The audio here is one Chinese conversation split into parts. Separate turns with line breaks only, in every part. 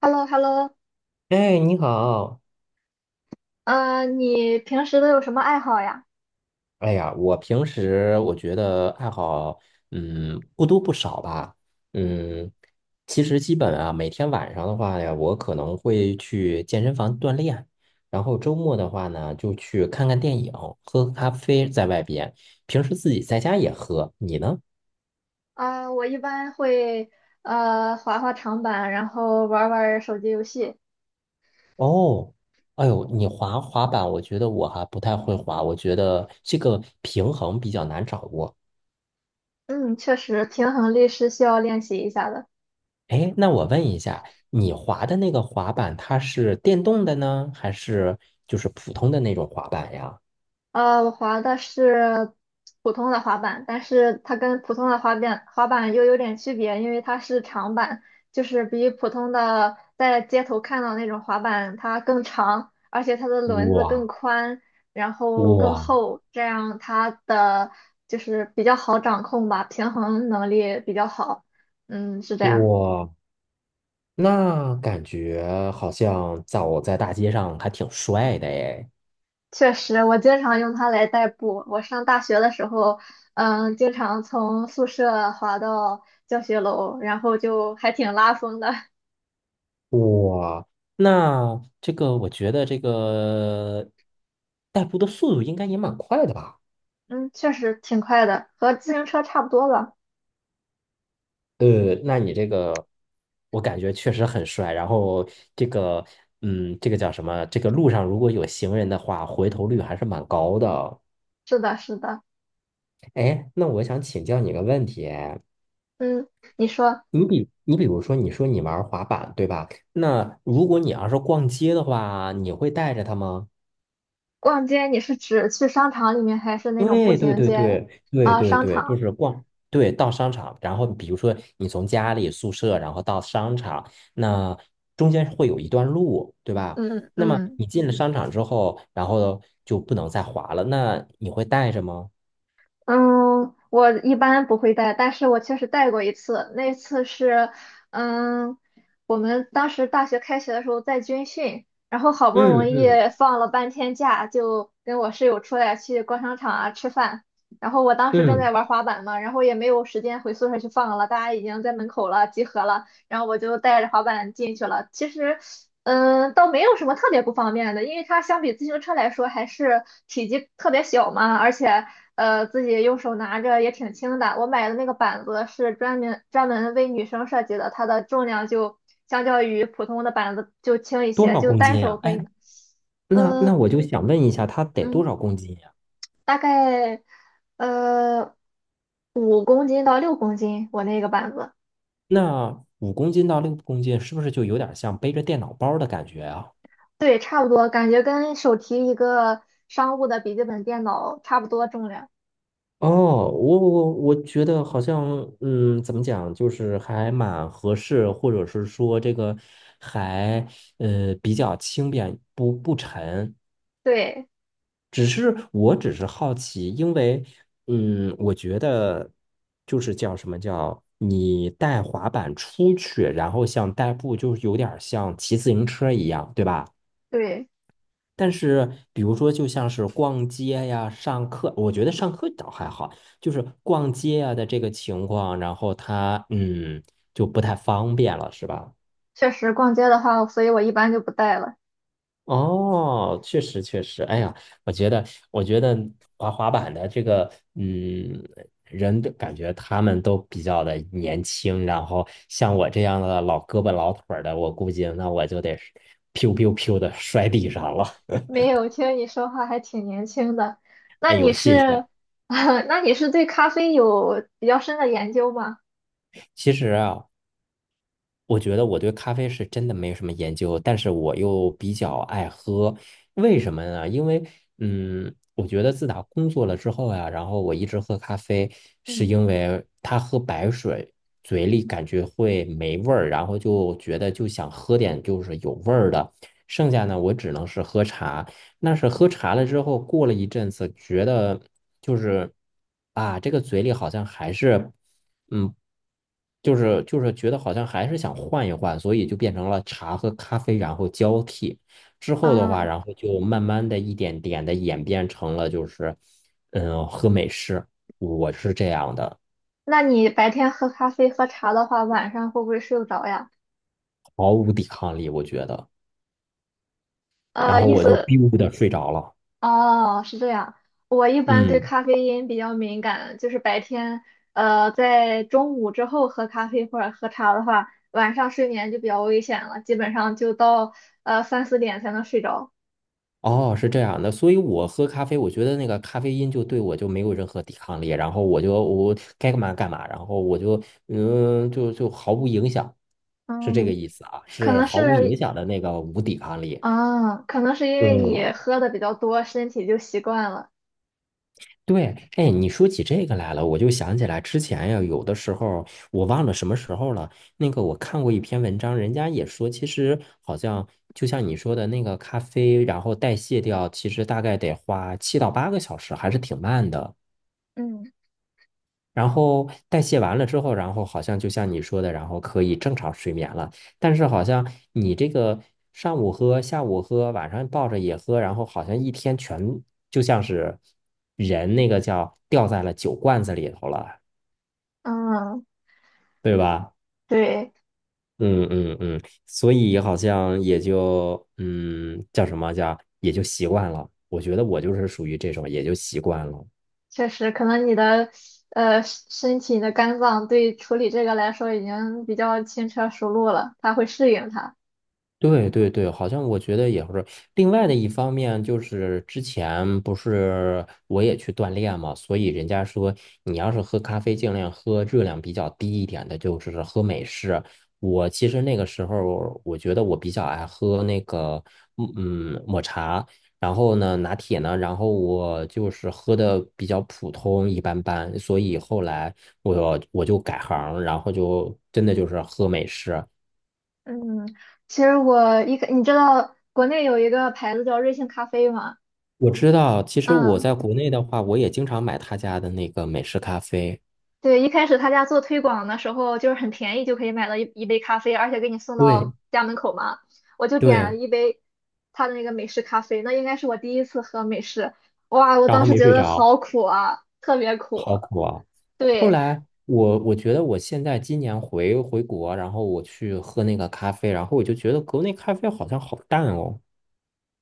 h e l l o h e l l o
哎，你好！
你平时都有什么爱好呀？
哎呀，我平时我觉得爱好，不多不少吧。嗯，其实基本啊，每天晚上的话呀，我可能会去健身房锻炼，然后周末的话呢，就去看看电影，喝咖啡，在外边。平时自己在家也喝。你呢？
啊、我一般会滑滑长板，然后玩儿玩儿手机游戏。
哦，哎呦，你滑滑板，我觉得我还不太会滑，我觉得这个平衡比较难掌握。
嗯，确实，平衡力是需要练习一下的。
哎，那我问一下，你滑的那个滑板，它是电动的呢，还是就是普通的那种滑板呀？
我滑的是普通的滑板，但是它跟普通的滑板又有点区别，因为它是长板，就是比普通的在街头看到那种滑板它更长，而且它的轮子更
哇
宽，然后更
哇
厚，这样它的就是比较好掌控吧，平衡能力比较好。嗯，是这样。
哇！那感觉好像走在大街上还挺帅的哎。
确实，我经常用它来代步。我上大学的时候，经常从宿舍滑到教学楼，然后就还挺拉风的。
哇，那这个我觉得这个代步的速度应该也蛮快的吧？
嗯，确实挺快的，和自行车差不多吧。
那你这个，我感觉确实很帅。然后这个，这个叫什么？这个路上如果有行人的话，回头率还是蛮高的。
是的，是的。
哎，那我想请教你个问题，哎
嗯，你说
你比如说，你说你玩滑板，对吧？那如果你要是逛街的话，你会带着它吗？
逛街，你是指去商场里面，还是那种步
对对
行
对
街
对对
啊？
对
商
对，就
场。
是逛，对，到商场，然后比如说你从家里宿舍，然后到商场，那中间会有一段路，对吧？
嗯
那么
嗯。
你进了商场之后，然后就不能再滑了，那你会带着吗？
嗯，我一般不会带，但是我确实带过一次。那次是，嗯，我们当时大学开学的时候在军训，然后好不容
嗯
易
嗯
放了半天假，就跟我室友出来去逛商场啊吃饭。然后我当时正在
嗯，
玩滑板嘛，然后也没有时间回宿舍去放了，大家已经在门口了，集合了。然后我就带着滑板进去了。其实，倒没有什么特别不方便的，因为它相比自行车来说还是体积特别小嘛，而且自己用手拿着也挺轻的。我买的那个板子是专门专门为女生设计的，它的重量就相较于普通的板子就轻一
多
些，
少
就
公
单
斤
手
呀？
可以
哎，
拿
那
呃
我就想问一下，它得多
嗯，
少公斤呀？
大概呃5公斤到6公斤，我那个板子。
那5公斤到6公斤，是不是就有点像背着电脑包的感觉啊？
对，差不多，感觉跟手提一个商务的笔记本电脑差不多重量。
哦，我觉得好像，怎么讲，就是还蛮合适，或者是说这个还比较轻便，不沉。
对
我只是好奇，因为我觉得就是叫什么叫你带滑板出去，然后像代步，就是有点儿像骑自行车一样，对吧？
对，
但是，比如说，就像是逛街呀、上课，我觉得上课倒还好，就是逛街呀的这个情况，然后他就不太方便了，是吧？
确实逛街的话，所以我一般就不带了。
哦，确实确实，哎呀，我觉得我觉得滑滑板的这个人的感觉他们都比较的年轻，然后像我这样的老胳膊老腿儿的，我估计那我就得是 piu piu piu 的摔地上了。
没有，听你说话还挺年轻的。
哎
那你
呦，谢谢。
是，那你是对咖啡有比较深的研究吗？
其实啊，我觉得我对咖啡是真的没有什么研究，但是我又比较爱喝，为什么呢？因为，我觉得自打工作了之后呀，然后我一直喝咖啡，是
嗯。
因为他喝白水，嘴里感觉会没味儿，然后就觉得就想喝点就是有味儿的，剩下呢我只能是喝茶。那是喝茶了之后，过了一阵子，觉得就是啊，这个嘴里好像还是。嗯，就是觉得好像还是想换一换，所以就变成了茶和咖啡，然后交替。之后的话，
嗯，
然后就慢慢的一点点的演变成了就是，喝美式，我是这样的，
那你白天喝咖啡喝茶的话，晚上会不会睡不着呀？
毫无抵抗力，我觉得。然后
意
我就
思。
biu 的睡着了，
哦，是这样。我一般对
嗯。
咖啡因比较敏感，就是白天，在中午之后喝咖啡或者喝茶的话，晚上睡眠就比较危险了，基本上就到三四点才能睡着。
哦，是这样的，所以我喝咖啡，我觉得那个咖啡因就对我就没有任何抵抗力，然后我就我该干嘛干嘛，然后我就就毫无影响，是这个
嗯，
意思啊，
可
是
能
毫无
是，
影响的那个无抵抗力。
嗯，可能是因为
嗯
你喝的比较多，身体就习惯了。
对，哎，你说起这个来了，我就想起来之前呀，有的时候我忘了什么时候了。那个我看过一篇文章，人家也说，其实好像就像你说的那个咖啡，然后代谢掉，其实大概得花7到8个小时，还是挺慢的。
嗯，
然后代谢完了之后，然后好像就像你说的，然后可以正常睡眠了。但是好像你这个上午喝、下午喝、晚上抱着也喝，然后好像一天全就像是人那个叫掉在了酒罐子里头了，
嗯，
对吧？
对，
嗯嗯嗯，所以好像也就叫什么叫也就习惯了。我觉得我就是属于这种，也就习惯了。
确实，可能你的身体、你的肝脏对处理这个来说已经比较轻车熟路了，它会适应它。
对对对，好像我觉得也是。另外的一方面就是之前不是我也去锻炼嘛，所以人家说你要是喝咖啡，尽量喝热量比较低一点的，就是喝美式。我其实那个时候我觉得我比较爱喝那个嗯抹茶，然后呢拿铁呢，然后我就是喝的比较普通一般般，所以后来我就改行，然后就真的就是喝美式。
嗯，其实我一开，你知道国内有一个牌子叫瑞幸咖啡吗？
我知道，其实我
嗯，
在国内的话，我也经常买他家的那个美式咖啡。
对，一开始他家做推广的时候，就是很便宜就可以买到一杯咖啡，而且给你送
对
到家门口嘛。我就点了
对，
一杯他的那个美式咖啡，那应该是我第一次喝美式，哇，我
然后
当时
没
觉
睡
得
着，
好苦啊，特别苦。
好苦啊！后
对，
来我觉得我现在今年回国，然后我去喝那个咖啡，然后我就觉得国内咖啡好像好淡哦。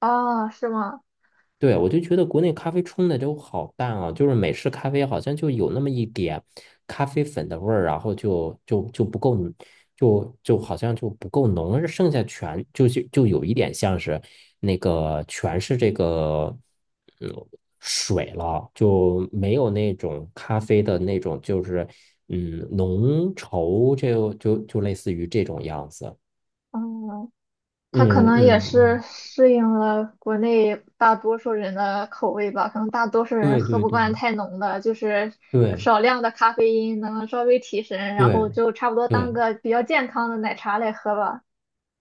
啊，是吗？
对，我就觉得国内咖啡冲的都好淡啊，就是美式咖啡好像就有那么一点咖啡粉的味儿，然后就不够，就好像就不够浓，而剩下全就有一点像是那个全是这个嗯水了，就没有那种咖啡的那种就是浓稠，就类似于这种样子。
嗯，它可
嗯
能也
嗯
是
嗯，
适应了国内大多数人的口味吧，可能大多数人
对
喝
对
不
对
惯太浓的，就是
对
少量的咖啡因能稍微提神，然后
对。
就差不多当
对
个比较健康的奶茶来喝吧。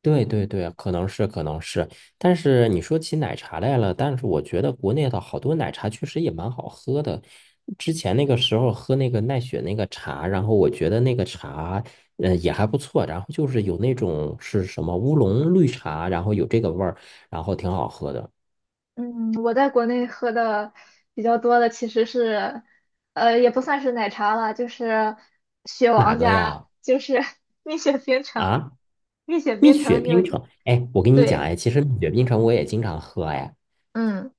对对对，可能是可能是，但是你说起奶茶来了，但是我觉得国内的好多奶茶确实也蛮好喝的。之前那个时候喝那个奈雪那个茶，然后我觉得那个茶，也还不错。然后就是有那种是什么乌龙绿茶，然后有这个味儿，然后挺好喝的。
嗯，我在国内喝的比较多的其实是，也不算是奶茶了，就是雪
哪
王
个
家，
呀？
就是 蜜雪冰城，
啊，
蜜雪
蜜
冰
雪
城你有
冰
听？
城。哎，我跟你讲，
对，
哎，其实蜜雪冰城我也经常喝，哎。
嗯，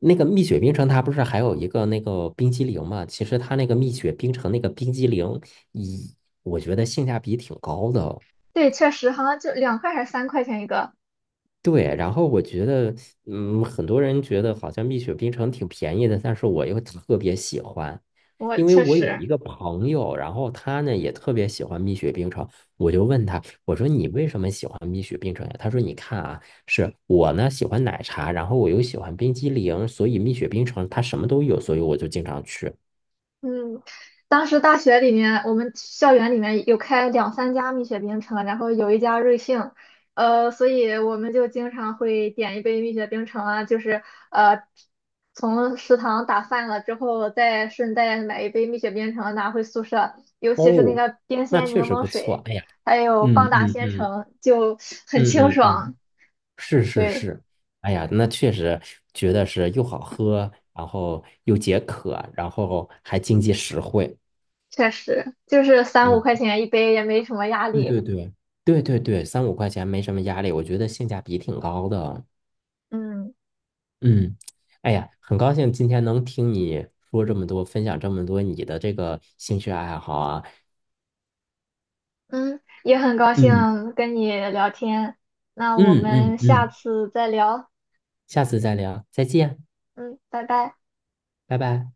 那个蜜雪冰城，它不是还有一个那个冰激凌嘛？其实它那个蜜雪冰城那个冰激凌，以我觉得性价比挺高的哦。
对，确实好像就2块还是3块钱一个。
对，然后我觉得，很多人觉得好像蜜雪冰城挺便宜的，但是我又特别喜欢，
我
因为
确
我有一
实，
个朋友，然后他呢也特别喜欢蜜雪冰城，我就问他，我说你为什么喜欢蜜雪冰城呀？他说你看啊，是我呢喜欢奶茶，然后我又喜欢冰激凌，所以蜜雪冰城它什么都有，所以我就经常去。
嗯，当时大学里面，我们校园里面有开两三家蜜雪冰城，然后有一家瑞幸，所以我们就经常会点一杯蜜雪冰城啊，就是呃，从食堂打饭了之后，再顺带买一杯蜜雪冰城拿回宿舍，尤其是那
哦，
个冰
那
鲜
确
柠
实
檬
不错。
水，
哎呀，
还有
嗯
棒打
嗯
鲜
嗯
橙，就 很清
嗯嗯
爽。
嗯，是是
对，
是。哎呀，那确实觉得是又好喝，然后又解渴，然后还经济实惠。
确实，就是三五
嗯，
块钱一杯，也没什么压
对
力。
对对对对对，三五块钱没什么压力，我觉得性价比挺高的。
嗯。
嗯，哎呀，很高兴今天能听你说这么多，分享这么多你的这个兴趣爱好啊。
嗯，也很高
嗯
兴跟你聊天，那我
嗯嗯
们下
嗯，
次再聊。
下次再聊，再见，
嗯，拜拜。
拜拜。